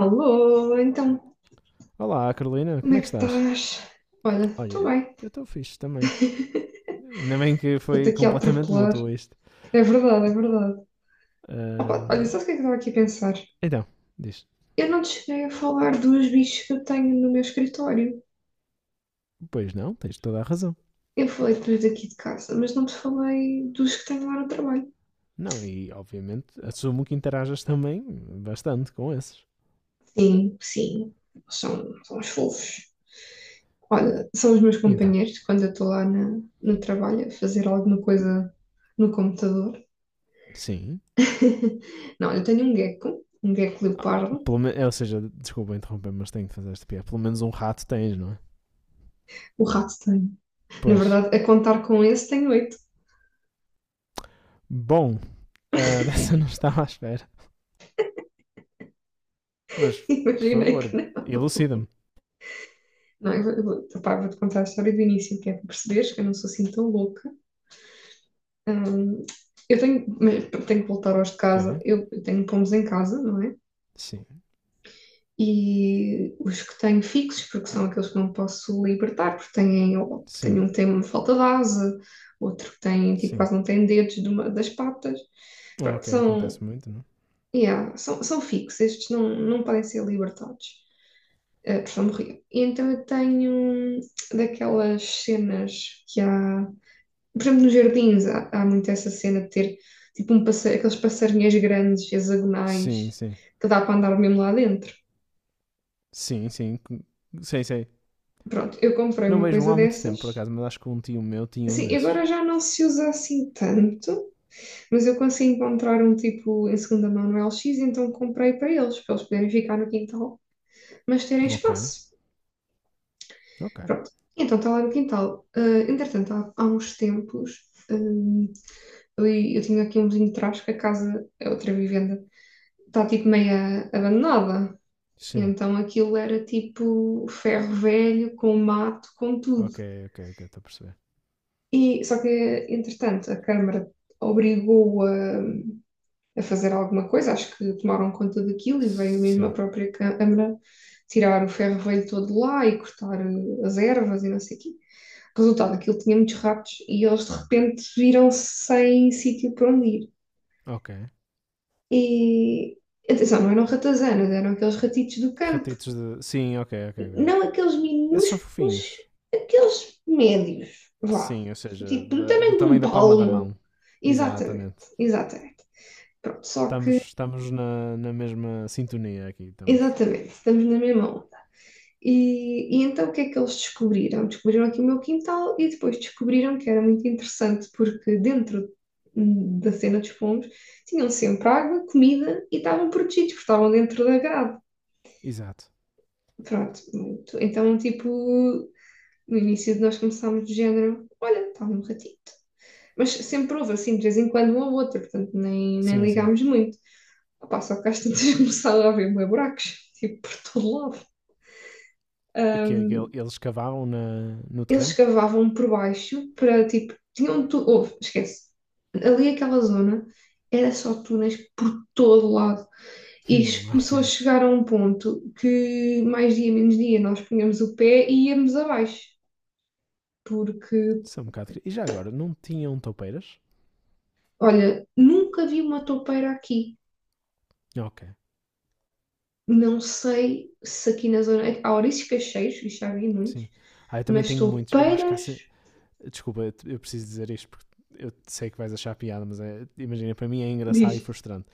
Alô, então, Olá, Carolina, como como é é que que estás? estás? Olha, Olha, estou eu bem, estou fixe também. Ainda bem que estou-te foi aqui a completamente atropelar. mútuo isto. É verdade, é verdade. Opa, olha, Ahm, sabes o que é que estava aqui a pensar? então, diz: Eu não te cheguei a falar dos bichos que eu tenho no meu escritório. pois não, tens toda a razão. Eu falei dos daqui de casa, mas não te falei dos que tenho lá no trabalho. Não, e obviamente assumo que interajas também bastante com esses. Sim, sim, são os fofos. Olha, são os meus E então? companheiros quando eu estou lá no trabalho a fazer alguma coisa no computador. Sim. Não, eu tenho um gecko leopardo. Ou seja, desculpa interromper, mas tenho que fazer este piada. Pelo menos um rato tens, não é? O rato tem. Na Pois. verdade, a contar com esse tem oito. Bom, dessa não estava à espera. Mas, por Imaginei que favor, não. elucida-me. Não, opá, vou-te contar a história do início, que é para perceberes que eu não sou assim tão louca. Hum, eu tenho, tenho que voltar aos de Ok? casa. Eu tenho pomos em casa, não é? Sim. E os que tenho fixos, porque são aqueles que não posso libertar, porque têm, ou, Sim. tenho um tem uma falta de asa, outro que tem, tipo, Sim. quase não tem dedos de das patas. Pronto, Ok, acontece muito, não? é? yeah, são fixos. Estes não podem ser libertados. Portugal morria. E então eu tenho daquelas cenas que há. Por exemplo, nos jardins há muito essa cena de ter tipo aqueles passarinhos grandes, hexagonais, Sim, sim. que dá para andar mesmo lá dentro. Sim, sim. Sei, sei. Pronto, eu comprei Não uma vejo um coisa há muito tempo, por dessas. acaso, mas acho que um tio meu tinha um Sim, desses. agora já não se usa assim tanto, mas eu consegui encontrar um tipo em segunda mão no LX, então comprei para eles poderem ficar no quintal, mas terem Ok, espaço. ok. Pronto, então está lá no quintal. Ah, entretanto, há uns tempos, eh, ali, eu tinha aqui um vizinho de trás, que a casa é outra vivenda, está tipo meio abandonada. Sim, Então aquilo era tipo ferro velho, com mato, com tudo. ok, ok, ok, estou a perceber. E, só que, entretanto, a Câmara obrigou a fazer alguma coisa, acho que tomaram conta daquilo e veio mesmo a Sim, própria Câmara tirar o ferro velho todo lá e cortar as ervas e não sei o quê. Resultado, aquilo tinha muitos ratos e eles de repente viram-se sem sítio para onde ir. ok. E atenção, não eram ratazanas, eram aqueles ratitos do campo, Ratitos de. Sim, ok, ok, ok. não aqueles Esses são minúsculos, fofinhos. aqueles médios, vá, Sim, ou seja, tipo do do tamanho de tamanho um da palma da palmo. mão. Exatamente, Exatamente. exatamente. Pronto, só Estamos, que, estamos na mesma sintonia aqui, estamos. exatamente, estamos na mesma onda. E então o que é que eles descobriram? Descobriram aqui o meu quintal e depois descobriram que era muito interessante porque dentro da cena dos pombos tinham sempre água, comida e estavam protegidos porque estavam dentro da grade. Exato. Pronto, muito. Então, tipo, no início nós começámos do género, olha, está um ratito. Mas sempre houve, assim, de vez em quando, um ou outro, portanto, nem Sim, sim. ligámos muito. Opa, só que às tantas começaram a haver buracos, tipo, por todo lado. O quê? Ahm, Eles cavavam no eles terreno? cavavam por baixo para, tipo, tinham tudo, houve, esquece. Ali aquela zona era só túneis por todo lado. E isto Ok. começou a chegar a um ponto que, mais dia, menos dia, nós punhamos o pé e íamos abaixo porque. São um bocado. E já agora, não tinham toupeiras? Olha, nunca vi uma toupeira aqui. Ok, Não sei se aqui na zona. Há ouriços cacheiros, e já vi muitos, sim. Ah, eu também mas tenho muitos. Eu acho que há. toupeiras, Desculpa, eu preciso dizer isto porque eu sei que vais achar piada, mas imagina, para mim é engraçado e diz. frustrante.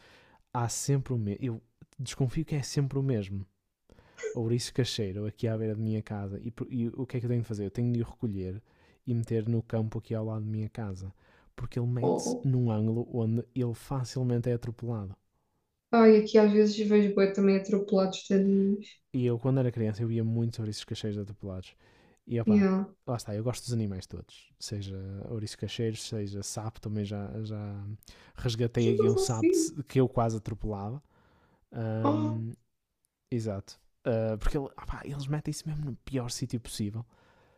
Há sempre o mesmo. Eu desconfio que é sempre o mesmo. Ouriço cacheiro aqui à beira de minha casa. E o que é que eu tenho de fazer? Eu tenho de o recolher e meter no campo aqui ao lado de minha casa. Porque ele Oh. mete-se Oh." num ângulo onde ele facilmente é atropelado. Ai, aqui às vezes vejo bué também atropelados tadinhos. E eu, quando era criança, eu ia muito sobre esses cacheiros atropelados. E opá, Yeah. lá está, eu gosto dos animais todos. Seja ouriços cacheiros, seja sapo, também já resgatei aqui Super um sapo fofinho. Que eu quase atropelava. Oh. Ahm, Exato. Ah, porque opá, eles metem-se mesmo no pior sítio possível.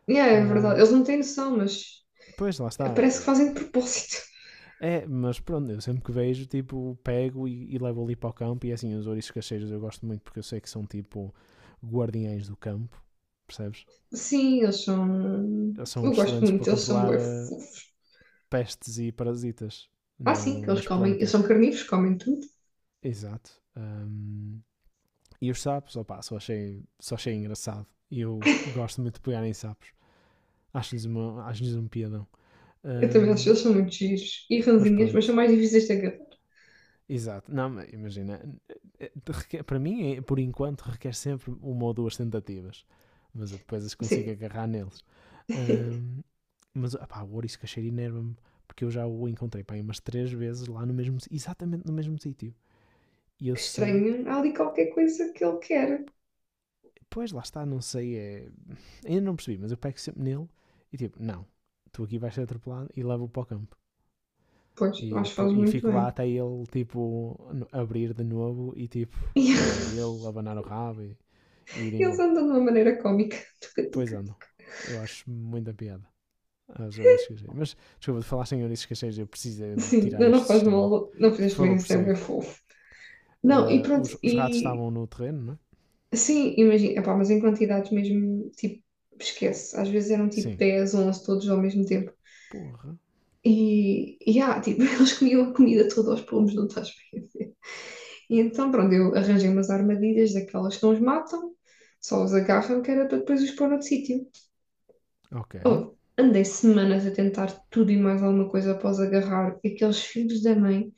Yeah, é verdade. Ah, Eles não têm noção, mas pois, lá está. parece que fazem de propósito. É, mas pronto, eu sempre que vejo, tipo, pego e levo ali para o campo. E assim, os ouriços cacheiros eu gosto muito porque eu sei que são tipo guardiães do campo, percebes? Sim, eles são. São Eu gosto excelentes para muito, eles são controlar bué fofos. pestes e parasitas Ah, sim, que no- eles nas comem. Eles plantas. são carnívoros, comem tudo. Exato. E os sapos, opá, só achei engraçado. E eu gosto muito de pegar em sapos. Acho-lhes um piadão. Eu também acho que Ahm, eles são muito giros e mas ranzinhas, mas pronto, são mais difíceis de agarrar. exato. Não, mas imagina, para mim, por enquanto, requer sempre uma ou duas tentativas. Mas eu depois as consigo Sim, agarrar neles. Ahm, mas, opá, o ouriço cacheiro enerva-me, porque eu já o encontrei, pá, aí umas três vezes lá no mesmo, exatamente no mesmo sítio. E eu que sei, estranho. Há ali qualquer coisa que ele quer. pois lá está, não sei, é, ainda não percebi, mas eu pego sempre nele e tipo, não, tu aqui vais ser atropelado e levo-o para o campo. Pois, E, acho que faz depois, e muito fico lá bem. até ele, tipo, abrir de novo e tipo, E lá ir ele, abanar o rabo e ir eles embora. andam de uma maneira cómica. Pois andam. Eu acho muita piada às ouriças cacheiras. Mas, desculpa, de falar sem ouriças cacheiras, eu preciso de Sim, tirar não, não este faz sistema. mal, não Por fizeste bem, favor, isso é bem prossegue. fofo. Não, e Ah, pronto, os ratos e estavam no terreno, não é? sim, imagina, epá, mas em quantidades mesmo, tipo, esquece. Às vezes eram tipo Sim. 10 11 todos ao mesmo tempo. Porra. E tipo, eles comiam a comida toda aos pomos, não estás a ver? E então, pronto, eu arranjei umas armadilhas daquelas que não os matam, só os agarram, que era para depois os pôr noutro sítio. Ok. Oh, andei semanas a tentar tudo e mais alguma coisa após agarrar aqueles filhos da mãe,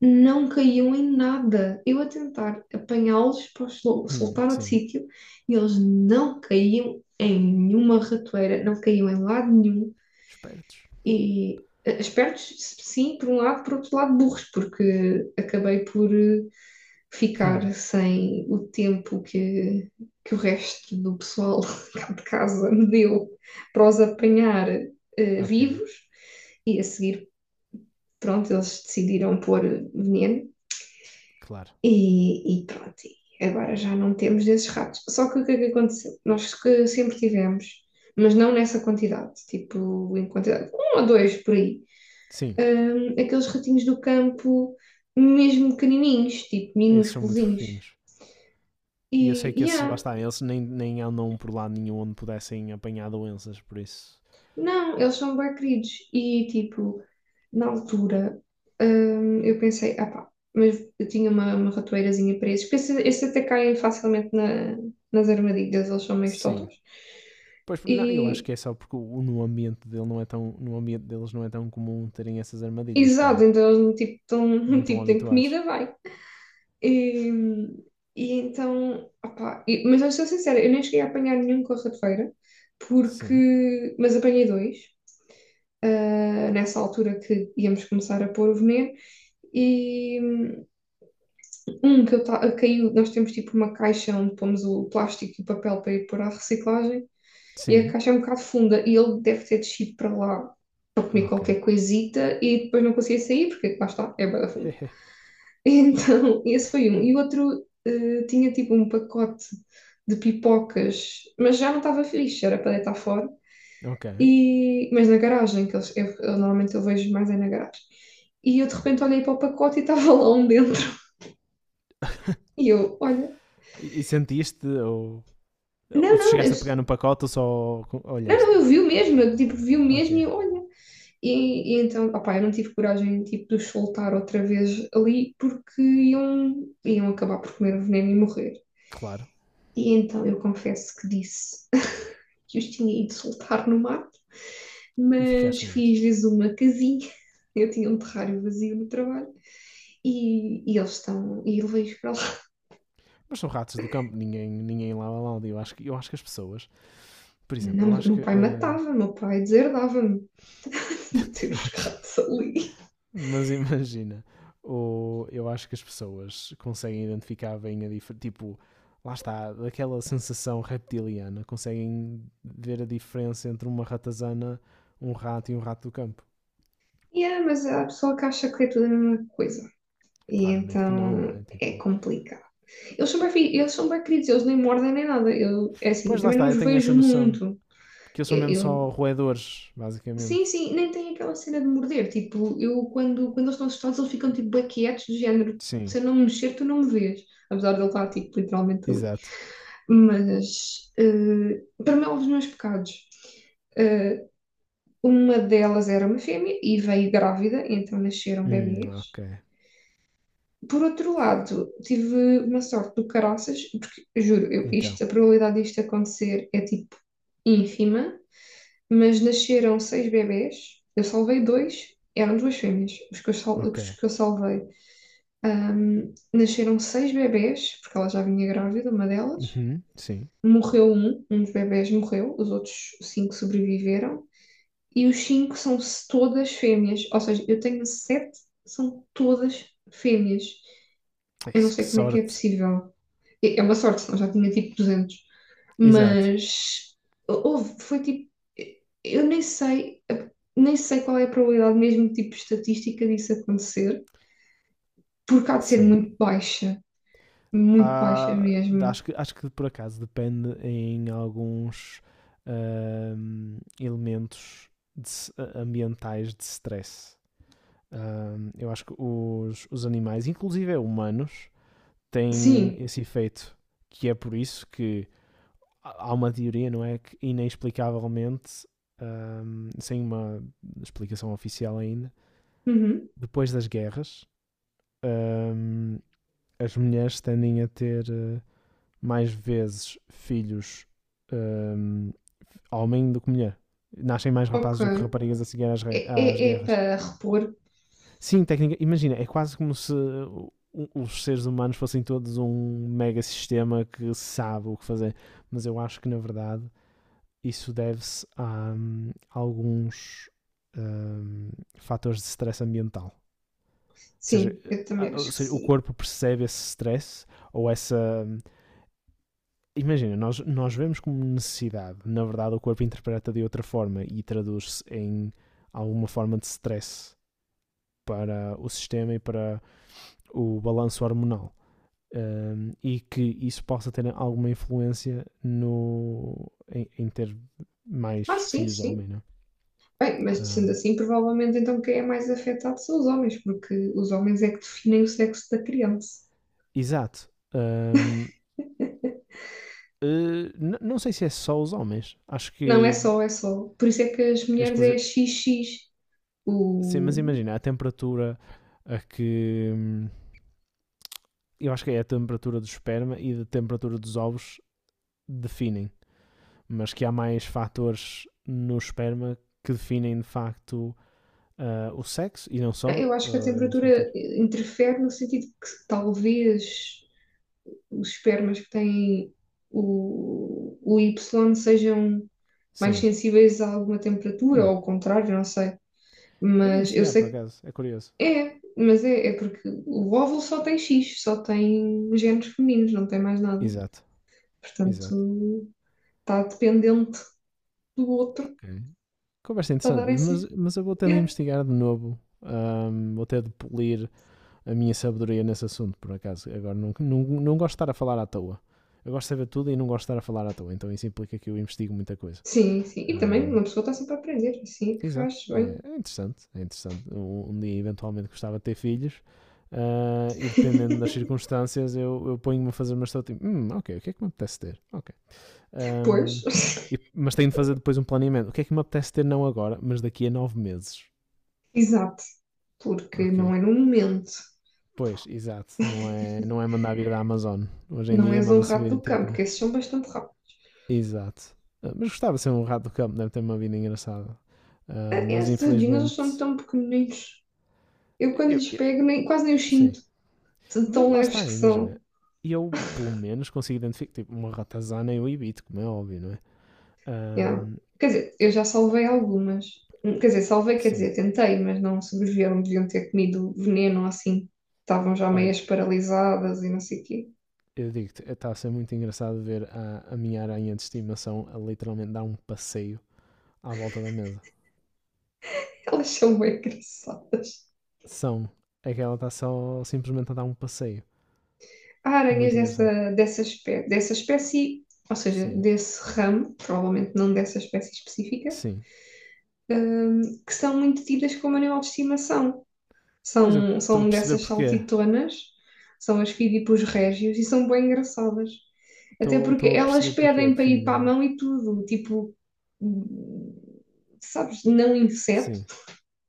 não caíam em nada. Eu a tentar apanhá-los para os soltar outro Sim. sítio e eles não caíam em nenhuma ratoeira, não caíam em lado nenhum. Espertos. E espertos, sim, por um lado, por outro lado, burros, porque acabei por Hum, ficar sem o tempo que o resto do pessoal cá de casa me deu para os apanhar ok. vivos e a seguir, pronto, eles decidiram pôr veneno Claro. e pronto, e agora já não temos desses ratos. Só que o que é que aconteceu? Nós que sempre tivemos, mas não nessa quantidade, tipo em quantidade, um ou dois por aí, Sim. Aqueles ratinhos do campo mesmo pequenininhos, tipo Esses são muito minúsculos. fofinhos. E eu sei E, que esses lá yeah, está, eles nem andam por lado nenhum onde pudessem apanhar doenças, por isso. não, eles são bem queridos. E, tipo, na altura, eu pensei, ah pá, mas eu tinha uma ratoeirazinha para esses, porque esses até caem facilmente nas armadilhas, eles são meio Sim. totós. Pois, não, eu acho E, que é só porque no ambiente dele não é tão, no ambiente deles não é tão comum terem essas armadilhas, pois exato, não? então eles, tipo, Não tão, estão tipo, têm habituados. comida, vai. E, e então, ah pá, mas eu sou sincera, eu nem cheguei a apanhar nenhum com a ratoeira, Sim. porque, mas apanhei dois. Nessa altura que íamos começar a pôr o veneno. E um que caiu, nós temos tipo uma caixa onde pomos o plástico e o papel para ir pôr à reciclagem, e a Sim. caixa é um bocado funda, e ele deve ter descido para lá para comer Ok. qualquer coisita e depois não conseguia sair, porque lá está, é bué da funda. Então, esse foi um. E o outro tinha tipo um pacote de pipocas, mas já não estava fixe, era para deitar fora. ok. E, mas na garagem, que eles, eu normalmente eu vejo mais é na garagem. E eu de repente olhei para o pacote e estava lá um dentro. E eu, olha, e sentiste ou não, não, eu, chegaste a pegar no pacote ou só não, olhaste? não, eu vi o mesmo, eu tipo, vi o Ok. mesmo e eu, olha. E, e então, opá, eu não tive coragem tipo, de os soltar outra vez ali porque iam acabar por comer o veneno e morrer. Claro. E então eu confesso que disse que os tinha ido soltar no mato, E ficaste mas com eles. fiz-lhes uma casinha. Eu tinha um terrário vazio no trabalho e eles estão. E levei-os para lá. Mas são ratos do campo, ninguém lá. Eu acho que as pessoas, por exemplo, Não, eu acho que. Meu pai deserdava-me de ter os ok. gatos ali. Mas imagina, eu acho que as pessoas conseguem identificar bem a diferença. Tipo, lá está, daquela sensação reptiliana, conseguem ver a diferença entre uma ratazana, um rato e um rato do campo. Yeah, mas há pessoa que acha que é tudo a mesma coisa. E Claramente que não, não então é? é Tipo, complicado. Eles são bem queridos, eles nem mordem nem nada. Eu, é assim, eu pois lá também não está, os eu tenho essa vejo noção. muito. Porque eles são mesmo só Eu roedores, basicamente. Sim, sim, nem tem aquela cena de morder. Tipo, eu quando eles estão assustados, eles ficam tipo bué quietos, do género, Sim, se eu não me mexer, tu não me vês. Apesar de ele estar tipo literalmente ali. exato. Mas para mim, houve os meus pecados. Eh, uma delas era uma fêmea e veio grávida, então nasceram bebês. Ok. Por outro lado, tive uma sorte do caraças, porque juro, eu, Então, isto, a probabilidade disto acontecer é tipo ínfima, mas nasceram seis bebés, eu salvei dois, eram duas fêmeas, ok. os que eu salvei. Nasceram seis bebés, porque ela já vinha grávida, uma delas. Uhum, sim. Um dos bebés morreu, os outros cinco sobreviveram. E os cinco são todas fêmeas, ou seja, eu tenho sete, são todas fêmeas. Ai, Eu não que sei como é que é sorte. possível. É uma sorte, senão já tinha tipo 200. Exato. Mas houve, foi tipo, eu nem sei, qual é a probabilidade mesmo, tipo, estatística disso acontecer, porque há de ser Sim. Muito baixa Há, mesmo. acho que por acaso depende em alguns elementos ambientais de stress. Eu acho que os animais, inclusive humanos, têm Sim, esse efeito, que é por isso que há uma teoria, não é? Que inexplicavelmente, sem uma explicação oficial ainda, uhum, depois das guerras, hum, as mulheres tendem a ter mais vezes filhos hum, homem do que mulher. Nascem mais rapazes do que ok. raparigas a seguir às, É, é, às é guerras. para repor? Sim, técnica. Imagina, é quase como se os seres humanos fossem todos um mega sistema que sabe o que fazer. Mas eu acho que, na verdade, isso deve-se a alguns hum, fatores de stress ambiental. Sim, eu também Ou acho que seja, o sim. corpo percebe esse stress ou essa hum, imagina, nós vemos como necessidade, na verdade o corpo interpreta de outra forma e traduz-se em alguma forma de stress para o sistema e para o balanço hormonal. E que isso possa ter alguma influência no, em, em ter mais Ah, sim, filhos sim. homem, não é? Bem, mas Uh, sendo assim, provavelmente então quem é mais afetado são os homens, porque os homens é que definem o sexo da criança. Exato. Um, não sei se é só os homens, acho Não é que só, é só. Por isso é que as é mulheres é exclusivo. XX. Sim, mas O, imagina a temperatura a que, eu acho que é a temperatura do esperma e da temperatura dos ovos definem, mas que há mais fatores no esperma que definem de facto o sexo e não só eu acho que a esses fatores. temperatura interfere no sentido que talvez os espermas que têm o Y sejam mais Sim. sensíveis a alguma temperatura, ou Hum, ao contrário, não sei. É de Mas eu investigar, por sei que acaso. É curioso. é, mas é, é porque o óvulo só tem X, só tem genes femininos, não tem mais nada. Exato, exato. Portanto, está dependente do outro Ok. Conversa para interessante, dar essa. Mas eu vou tendo a É. investigar de novo. Vou ter de polir a minha sabedoria nesse assunto, por acaso. Agora, não gosto de estar a falar à toa. Eu gosto de saber tudo e não gosto de estar a falar à toa, então isso implica que eu investigo muita coisa. Sim, sim. E também Ahm, uma pessoa está sempre a aprender, assim é que Exato, faz e é bem. é interessante, é interessante. Um dia eventualmente gostava de ter filhos e dependendo das circunstâncias eu ponho-me a fazer uma estratégia. Tipo, ok, o que é que me apetece ter? Ok. Ahm, Pois. Mas tenho de fazer depois um planeamento. O que é que me apetece ter não agora, mas daqui a 9 meses? Exato, porque Ok. não é no momento, Pois, exato. Não é mandar vir da Amazon. Hoje em não dia és um manda-se rato vir do campo, tipo. porque esses são bastante rápidos. Exato. Ah, mas gostava de ser um rato do campo, deve ter uma vida engraçada. Ah, mas Estes tadinhos, eles são infelizmente. tão pequeninos. Eu quando eu- lhes eu- pego, nem, quase nem os sim. sinto, de Mas tão lá leves está, que imagina. são. Eu, pelo menos, consigo identificar. Tipo, uma ratazana eu evito, como é óbvio, não é? Yeah. Ahm, Quer dizer, eu já salvei algumas. Quer dizer, salvei, quer sim, dizer, tentei, mas não sobreviveram, deviam ter comido veneno ou assim. Estavam já olha, meias paralisadas e não sei o quê. eu digo-te, está a ser muito engraçado ver a minha aranha de estimação a literalmente dar um passeio à volta da mesa. Elas são bem engraçadas. São. É que ela está só simplesmente a dar um passeio. Há aranhas Muito engraçado. Dessa espécie, ou seja, Sim, desse ramo, provavelmente não dessa espécie específica, sim. Que são muito tidas como animal de estimação. Pois, eu São, estou a são perceber dessas porquê. saltitonas, são as fidipus régios e são bem engraçadas. Até Estou porque estou a elas perceber porquê, pedem para ir para a definitivamente. mão e tudo, tipo, hum, sabes, não inseto. Sim.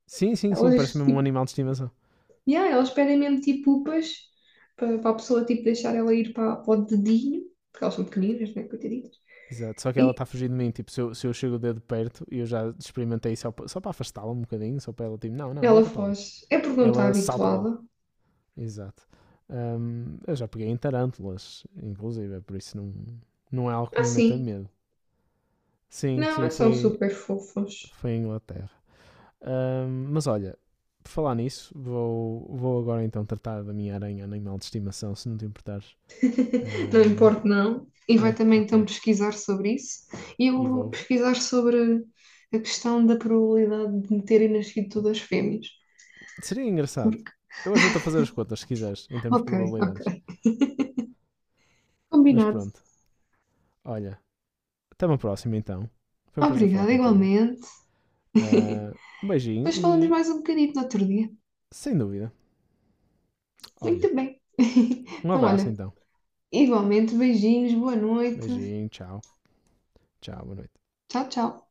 Sim, sim, sim, parece Elas, mesmo um animal de estimação. E yeah, elas pedem mesmo tipo upas para a pessoa tipo, deixar ela ir para o dedinho, porque elas são pequeninas, né? Coitaditas. Exato, só que ela E está fugindo de mim. Tipo, se eu chego o dedo perto e eu já experimentei só para afastá-la um bocadinho, só para ela, tipo, não, não, ela volta para ali. foge. É porque não está Ela salta logo. habituada. Exato. Eu já peguei em tarântulas, inclusive, é por isso não é algo que Ah, me meta sim. medo. Sim, Não, sim, é são foi, super fofos. foi em Inglaterra. Mas olha, por falar nisso, vou agora então tratar da minha aranha animal de estimação, se não te importares. Não Hum, importa, não. E vai é, também então ok. pesquisar sobre isso. E eu E vou vou, pesquisar sobre a questão da probabilidade de me terem nascido todas fêmeas. seria engraçado. Porque- Eu ajudo a fazer as contas, se quiseres, em termos de Ok, probabilidades. ok. Mas Combinado. pronto, olha. Até uma próxima, então. Foi um prazer falar Obrigada, contigo. igualmente. Ah, um beijinho Depois falamos e, mais um bocadinho no outro dia. sem dúvida, olha. Muito bem. Um Então, abraço, olha, então. igualmente, beijinhos, boa noite. Beijinho, tchau. Tchau, boa noite. Tchau, tchau.